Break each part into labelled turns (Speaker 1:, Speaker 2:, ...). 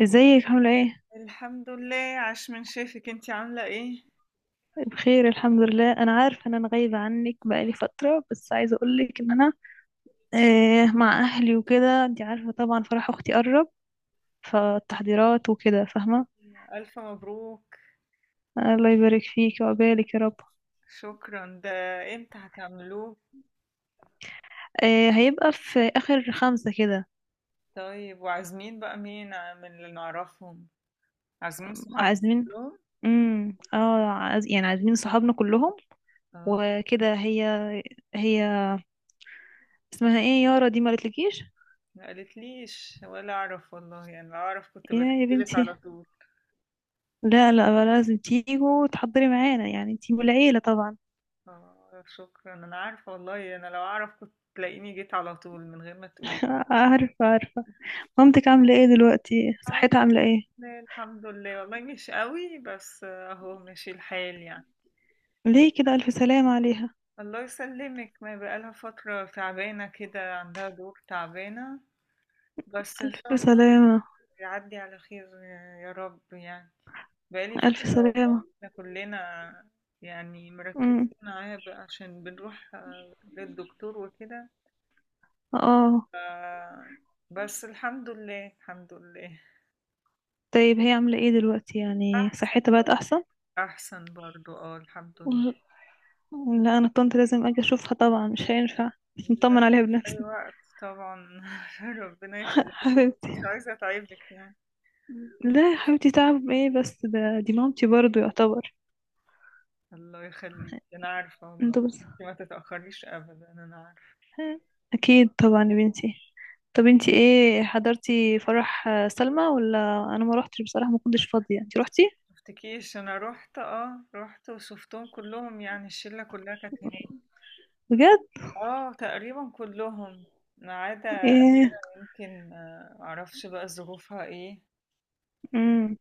Speaker 1: ازيك عاملة ايه؟
Speaker 2: الحمد لله، عاش من شافك. انتي عاملة ايه؟
Speaker 1: طيب، بخير الحمد لله. انا عارفة ان انا غايبة عنك بقالي فترة، بس عايزة اقولك ان انا مع اهلي وكده. انتي عارفة طبعا فرح اختي قرب، فالتحضيرات وكده، فاهمة؟
Speaker 2: ألف مبروك.
Speaker 1: الله يبارك فيك وعقبالك يا رب.
Speaker 2: شكرا ده. امتى هتعملوه؟
Speaker 1: آه، هيبقى في اخر خمسة كده.
Speaker 2: طيب، وعازمين بقى مين من اللي نعرفهم؟ عازمين صحابك
Speaker 1: عازمين.
Speaker 2: كلهم؟
Speaker 1: يعني عازمين صحابنا كلهم
Speaker 2: اه،
Speaker 1: وكده. هي اسمها ايه؟ يارا دي ما قالتلكيش.
Speaker 2: ما قالتليش ولا اعرف والله. يعني لو اعرف كنت
Speaker 1: يا
Speaker 2: بكتبلك
Speaker 1: بنتي،
Speaker 2: على طول.
Speaker 1: لا لا لازم تيجوا وتحضري معانا، يعني انتي والعيلة طبعا.
Speaker 2: اه شكرا، انا عارفة والله. انا لو اعرف كنت تلاقيني جيت على طول من غير ما تقولي.
Speaker 1: عارفة عارفة. مامتك عاملة ايه دلوقتي؟
Speaker 2: اه
Speaker 1: صحتها عاملة ايه؟
Speaker 2: لا، الحمد لله والله، مش قوي بس آه، اهو ماشي الحال يعني.
Speaker 1: ليه كده؟ ألف سلامة عليها.
Speaker 2: الله يسلمك، ما بقالها فترة تعبانة كده، عندها دور تعبانة. بس إن شاء
Speaker 1: ألف
Speaker 2: الله
Speaker 1: سلامة.
Speaker 2: يعدي على خير يا رب يعني. بقالي فترة.
Speaker 1: ألف
Speaker 2: والله
Speaker 1: سلامة.
Speaker 2: احنا كلنا يعني مركزين
Speaker 1: مم.
Speaker 2: معاها بقى عشان بنروح آه، للدكتور وكده.
Speaker 1: اه.
Speaker 2: ف- بس الحمد لله الحمد لله.
Speaker 1: طيب هي عاملة ايه دلوقتي؟ يعني
Speaker 2: أحسن
Speaker 1: صحتها بقت
Speaker 2: برضه،
Speaker 1: أحسن؟
Speaker 2: أحسن برضه، اه الحمد
Speaker 1: ل-
Speaker 2: لله.
Speaker 1: لا أنا طنط لازم أجي أشوفها طبعا، مش هينفع مش نطمن عليها
Speaker 2: أي
Speaker 1: بنفسي.
Speaker 2: وقت طبعا. ربنا يخليك. مش
Speaker 1: حبيبتي.
Speaker 2: عايزة أتعبك يعني.
Speaker 1: لا يا حبيبتي، تعب ايه بس؟ ده دي مامتي برضو يعتبر.
Speaker 2: الله يخليك، انا عارفه والله.
Speaker 1: انتوا بس.
Speaker 2: انتي ما تتاخريش ابدا، انا عارفه.
Speaker 1: أكيد طبعا يا بنتي. طب انتي ايه حضرتي، فرح سلمى ولا؟ انا ما روحتش بصراحة، ما كنتش فاضية. انتي روحتي؟
Speaker 2: ما شفتكيش، انا روحت. اه روحت وشفتهم كلهم، يعني الشله كلها كانت هناك.
Speaker 1: بجد.
Speaker 2: اه تقريبا كلهم، ما عدا
Speaker 1: ايه.
Speaker 2: أميرة يمكن آه، معرفش بقى ظروفها ايه.
Speaker 1: امم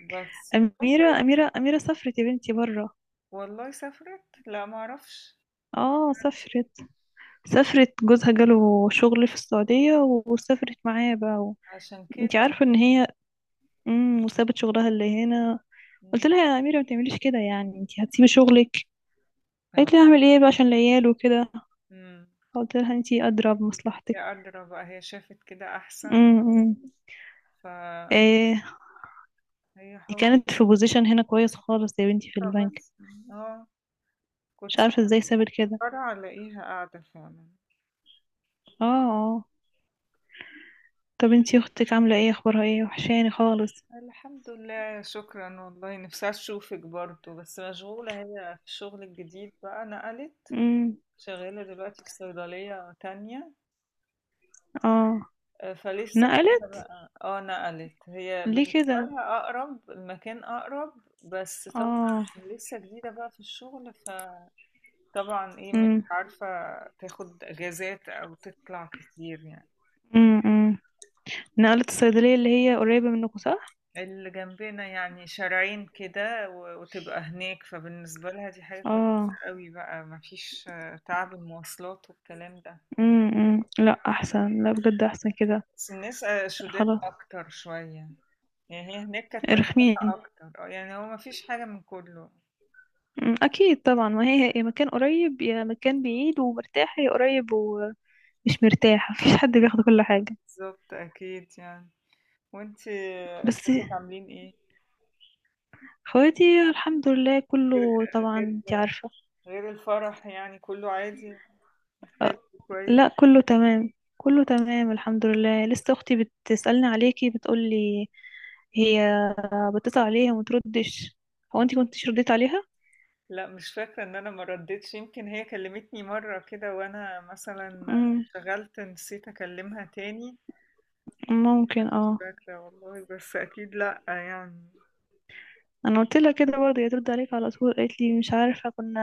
Speaker 2: بس تكون كويس.
Speaker 1: اميرة سافرت يا بنتي بره.
Speaker 2: والله سافرت؟ لا معرفش.
Speaker 1: اه سافرت. سافرت جوزها جاله شغل في السعودية، وسافرت معاه بقى
Speaker 2: عشان
Speaker 1: انتي
Speaker 2: كده.
Speaker 1: عارفة ان هي وسابت شغلها اللي هنا. قلت
Speaker 2: مم.
Speaker 1: لها يا اميرة ما تعمليش كده، يعني انتي هتسيبي شغلك؟ قالت
Speaker 2: اه.
Speaker 1: لي هعمل ايه بقى عشان العيال وكده.
Speaker 2: مم.
Speaker 1: قلت لها انتي ادرى
Speaker 2: هي
Speaker 1: بمصلحتك.
Speaker 2: قادرة بقى، هي شافت كده أحسن.
Speaker 1: امم امم.
Speaker 2: فهي
Speaker 1: ايه. دي
Speaker 2: حاولت.
Speaker 1: كانت في بوزيشن هنا كويس خالص يا بنتي في البنك.
Speaker 2: بس اه
Speaker 1: مش
Speaker 2: كنت...
Speaker 1: عارفة ازاي سابت كده.
Speaker 2: فرع الاقيها قاعدة فعلا.
Speaker 1: اه. اه. طب انتي اختك عاملة ايه؟ اخبارها ايه؟ وحشاني خالص.
Speaker 2: الحمد لله، شكرا والله. نفسي اشوفك برضو، بس مشغولة هي في الشغل الجديد بقى، نقلت.
Speaker 1: امم.
Speaker 2: شغالة دلوقتي في صيدلية تانية.
Speaker 1: اه
Speaker 2: آه، فلسه جديدة
Speaker 1: نقلت.
Speaker 2: بقى. اه نقلت. هي
Speaker 1: ليه
Speaker 2: بالنسبة
Speaker 1: كده؟
Speaker 2: لها اقرب، المكان اقرب. بس طبعا
Speaker 1: اه.
Speaker 2: عشان لسه جديدة بقى في الشغل، فطبعا ايه مش
Speaker 1: امم
Speaker 2: عارفة تاخد اجازات او تطلع كتير يعني.
Speaker 1: امم. نقلت الصيدلية اللي هي قريبة منكم، صح؟
Speaker 2: اللي جنبنا، يعني شارعين كده وتبقى هناك. فبالنسبة لها دي حاجة كويسة
Speaker 1: اه.
Speaker 2: قوي بقى، مفيش آه، تعب المواصلات والكلام ده.
Speaker 1: لا احسن، لا بجد احسن كده.
Speaker 2: بس الناس آه، شداد
Speaker 1: خلاص.
Speaker 2: أكتر شوية. يعني هي هناك كانت مشحونة
Speaker 1: رخمين.
Speaker 2: أكتر. اه يعني هو مفيش حاجة من كله.
Speaker 1: اكيد طبعا، ما هي يا مكان قريب يا مكان بعيد ومرتاحة، يا قريب ومش مرتاحة، مفيش حد بياخد كل حاجة.
Speaker 2: بالظبط، أكيد يعني. وانتي آه،
Speaker 1: بس
Speaker 2: اخواتك عاملين ايه؟
Speaker 1: اخواتي الحمد لله
Speaker 2: غير
Speaker 1: كله طبعا
Speaker 2: غير
Speaker 1: انت عارفة.
Speaker 2: غير الفرح يعني كله عادي. حلو. كويس.
Speaker 1: لا كله تمام. كله تمام الحمد لله. لسه اختي بتسألني عليكي، بتقولي هي بتسأل عليها وما تردش. هو انت كنتش رديت عليها؟
Speaker 2: لأ مش فاكرة إن أنا ما ردّيتش، يمكن هي كلّمتني مرّة كده وأنا مثلًا
Speaker 1: امم،
Speaker 2: انشغلت، نسيت أكلّمها تاني.
Speaker 1: ممكن
Speaker 2: مش
Speaker 1: اه.
Speaker 2: فاكرة والله، بس أكيد لأ يعني.
Speaker 1: انا قلت لها كده برضه هي ترد عليك على طول، قالت لي مش عارفة. كنا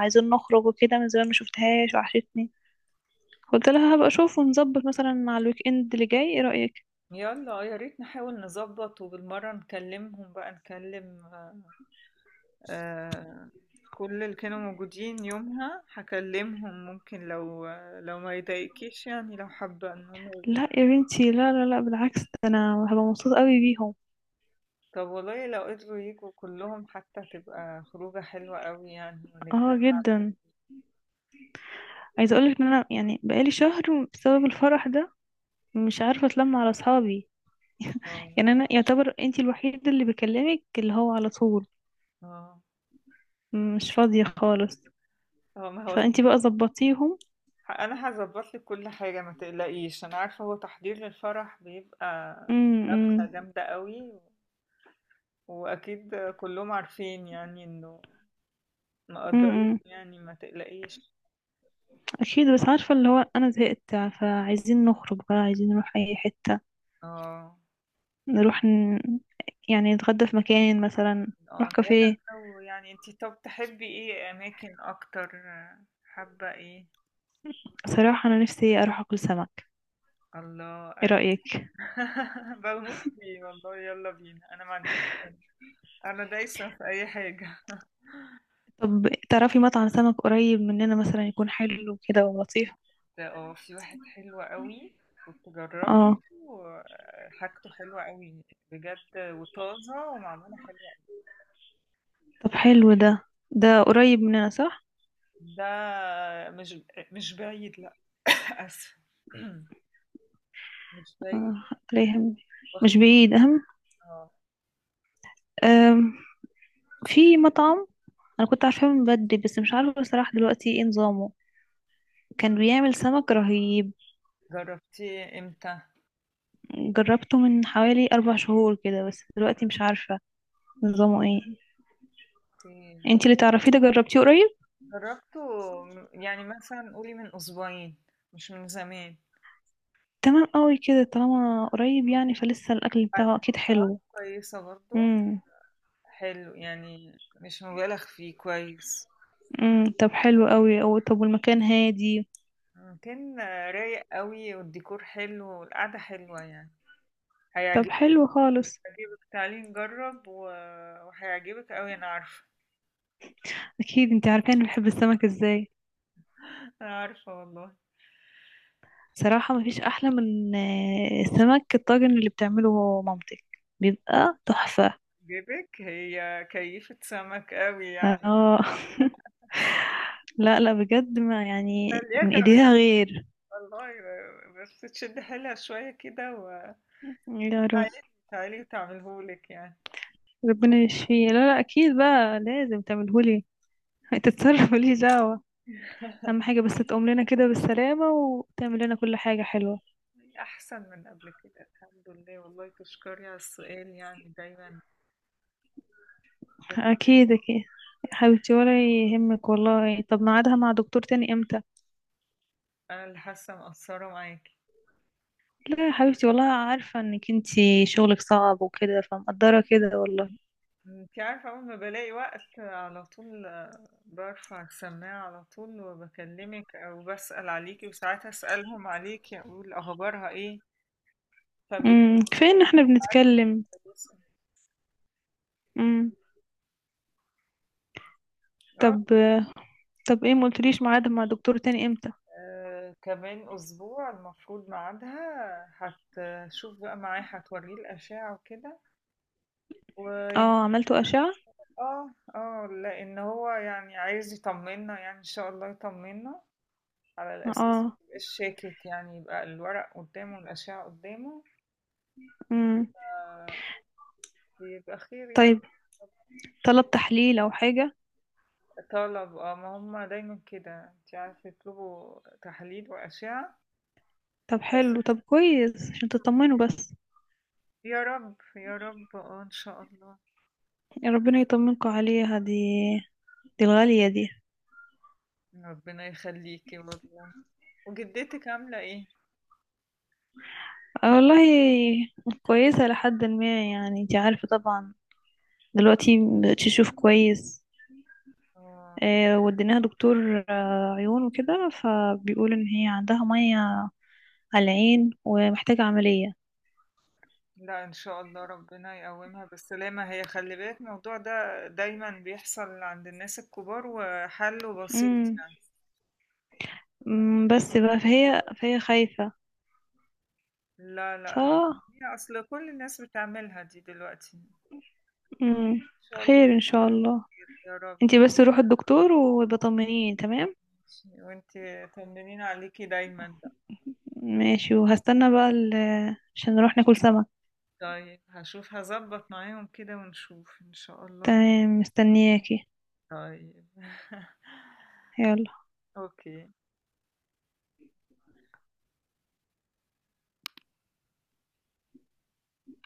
Speaker 1: عايزين نخرج وكده من زمان، ما شفتهاش، وحشتني. قلت لها هبقى اشوف ونظبط مثلا مع الويك اند اللي جاي، ايه رأيك؟
Speaker 2: يالّا يا ريت نحاول نضبّط، وبالمرّة نكلّمهم بقى، نكلّم آآ كل اللي كانوا موجودين يومها، هاكلّمهم ممكن. لو ما يضايقكيش يعني، لو حابة إن هُم يبقوا
Speaker 1: لا يا
Speaker 2: موجودين.
Speaker 1: بنتي، لا لا لا بالعكس، ده انا هبقى مبسوطة قوي بيهم.
Speaker 2: طب والله لو قدروا ييجوا كلّهم حتى هتبقى خروجة حلوة أوي يعني
Speaker 1: اه
Speaker 2: ونتجمّع.
Speaker 1: جدا. عايزه اقولك ان انا يعني بقالي شهر بسبب الفرح ده مش عارفه اتلم على اصحابي.
Speaker 2: آه،
Speaker 1: يعني انا يعتبر انتي الوحيده اللي بكلمك اللي هو على طول.
Speaker 2: آه.
Speaker 1: مش فاضيه خالص.
Speaker 2: هو ما هو
Speaker 1: فانتي بقى
Speaker 2: تحضير.
Speaker 1: ظبطيهم.
Speaker 2: انا هظبط لك كل حاجه، ما تقلقيش انا عارفه. هو تحضير للفرح بيبقى
Speaker 1: امم.
Speaker 2: جامده قوي. واكيد كلهم عارفين يعني انه
Speaker 1: إمم،
Speaker 2: مقدرين،
Speaker 1: إمم.
Speaker 2: يعني ما تقلقيش.
Speaker 1: اكيد بس عارفه اللي هو انا زهقت. فعايزين نخرج بقى، عايزين نروح اي حته.
Speaker 2: اه
Speaker 1: نروح يعني نتغدى في مكان مثلا،
Speaker 2: اه.
Speaker 1: نروح كافيه.
Speaker 2: نورة، يعني انتي طب تحبي ايه اماكن اكتر؟ حابه ايه؟
Speaker 1: صراحه انا نفسي اروح اكل سمك.
Speaker 2: الله
Speaker 1: ايه
Speaker 2: ايوه.
Speaker 1: رايك؟
Speaker 2: بموت فيه والله، يلا بينا. انا ما عنديش، انا دايسه في اي حاجه.
Speaker 1: طب تعرفي مطعم سمك قريب مننا مثلا يكون حلو كده ولطيف؟
Speaker 2: اه في واحد حلو قوي، كنت جربته.
Speaker 1: اه.
Speaker 2: وحاجته حلوة قوي بجد، وطازة ومعمولة حلوة.
Speaker 1: طب حلو ده. ده قريب مننا صح؟
Speaker 2: ده مش مش بعيد لا. آسف. مش بعيد
Speaker 1: آه، عليهم.
Speaker 2: وقت.
Speaker 1: مش بعيد أهم.
Speaker 2: اه
Speaker 1: آم، في مطعم أنا كنت عارفاه من بدري، بس مش عارفة بصراحة دلوقتي ايه نظامه. كان بيعمل سمك رهيب.
Speaker 2: جربتيه امتى؟
Speaker 1: جربته من حوالي 4 شهور كده، بس دلوقتي مش عارفة نظامه ايه.
Speaker 2: لا
Speaker 1: انتي اللي تعرفيه ده جربتيه قريب.
Speaker 2: جربته، يعني مثلا قولي من أسبوعين، مش من زمان.
Speaker 1: تمام قوي كده، طالما قريب يعني فلسه الأكل بتاعه
Speaker 2: بعدين
Speaker 1: أكيد
Speaker 2: سعراته
Speaker 1: حلو.
Speaker 2: كويسة برضو.
Speaker 1: امم
Speaker 2: حلو يعني، مش مبالغ فيه، كويس.
Speaker 1: امم. طب حلو قوي. أو طب، والمكان هادي؟
Speaker 2: كان رايق قوي، والديكور حلو والقعدة حلوة يعني.
Speaker 1: طب
Speaker 2: هيعجبك
Speaker 1: حلو خالص.
Speaker 2: هيعجبك تعالي نجرب وهيعجبك قوي انا عارفة.
Speaker 1: أكيد انتي عارفة أنا بحب السمك ازاي.
Speaker 2: انا عارفة والله.
Speaker 1: صراحة مفيش أحلى من السمك الطاجن اللي بتعمله مامتك، بيبقى تحفة.
Speaker 2: جيبك هي كيفة سمك قوي يعني.
Speaker 1: اه. لا لا بجد ما يعني
Speaker 2: خليها
Speaker 1: من ايديها
Speaker 2: تعمله
Speaker 1: غير.
Speaker 2: والله، بس تشد حيلها شوية كده وتعالي.
Speaker 1: يا رب.
Speaker 2: تعالي وتعملهولك يعني.
Speaker 1: ربنا يشفيه. لا لا اكيد بقى لازم تعملهولي، تتصرف ماليش دعوة. اهم حاجة بس تقوم لنا كده بالسلامة وتعمل لنا كل حاجة حلوة.
Speaker 2: أحسن من قبل كده، الحمد لله والله. تشكري على السؤال، يعني دايما بتبقى...
Speaker 1: اكيد اكيد. يا حبيبتي ولا يهمك والله. طب ميعادها مع دكتور تاني امتى؟
Speaker 2: أنا اللي حاسة مقصرة معاكي.
Speaker 1: لا يا حبيبتي والله عارفة انك انتي شغلك صعب وكده فمقدرة كده والله.
Speaker 2: انت عارفة، أول ما بلاقي وقت على طول آه، برفع السماعة على طول وبكلمك أو بسأل عليكي. وساعات أسألهم عليكي أقول أخبارها إيه، فبيكونوا
Speaker 1: كفاية ان احنا بنتكلم.
Speaker 2: كويسة.
Speaker 1: امم.
Speaker 2: اه
Speaker 1: طب طب ايه، ما قلتليش ميعاد مع دكتور تاني امتى؟
Speaker 2: آه، كمان أسبوع المفروض ميعادها. هتشوف بقى معاه، هتوريه الأشعة وكده. و
Speaker 1: اه عملتوا أشعة؟
Speaker 2: اه اه، لأن هو يعني عايز يطمنا، يعني إن شاء الله يطمنا. على الأساس
Speaker 1: اه.
Speaker 2: ميبقاش شاكك، يعني يبقى الورق قدامه والأشعة قدامه.
Speaker 1: امم.
Speaker 2: آه، بيبقى خير يعني.
Speaker 1: طيب. طلب تحليل او حاجة؟
Speaker 2: طلب اه، ما هم دايما كده انت عارفة يطلبوا تحاليل وأشعة.
Speaker 1: طب
Speaker 2: بس
Speaker 1: حلو، طب كويس عشان تطمنوا بس.
Speaker 2: يا رب يا رب اه ان شاء الله.
Speaker 1: يا ربنا يطمنكوا عليها دي، دي الغالية دي.
Speaker 2: ربنا يخليكي والله. وجدتك عاملة ايه؟
Speaker 1: آه والله كويسة لحد ما، يعني انتي عارفة طبعا دلوقتي مبقتش تشوف كويس.
Speaker 2: اه
Speaker 1: وديناها دكتور عيون وكده، فبيقول ان هي عندها مية على العين ومحتاجة عملية.
Speaker 2: لا ان شاء الله، ربنا يقومها بالسلامة. هي خلي بالك، الموضوع ده دايما بيحصل عند الناس الكبار وحله بسيط
Speaker 1: مم.
Speaker 2: يعني. ما تلاقيش
Speaker 1: بس بقى فهي
Speaker 2: خالص.
Speaker 1: فهي خايفة.
Speaker 2: لا
Speaker 1: ف
Speaker 2: لا، هي اصل كل الناس بتعملها دي دلوقتي، ان
Speaker 1: مم،
Speaker 2: شاء الله.
Speaker 1: خير ان شاء الله.
Speaker 2: يا رب.
Speaker 1: انتي بس روحي الدكتور وبطمنيني. تمام
Speaker 2: وانتي طمنين عليكي دايما بقى.
Speaker 1: ماشي، وهستنى بقى عشان نروح ناكل سمك.
Speaker 2: طيب هشوف، هظبط معاهم كده ونشوف ان شاء الله.
Speaker 1: تمام مستنياكي.
Speaker 2: طيب
Speaker 1: يلا.
Speaker 2: اوكي.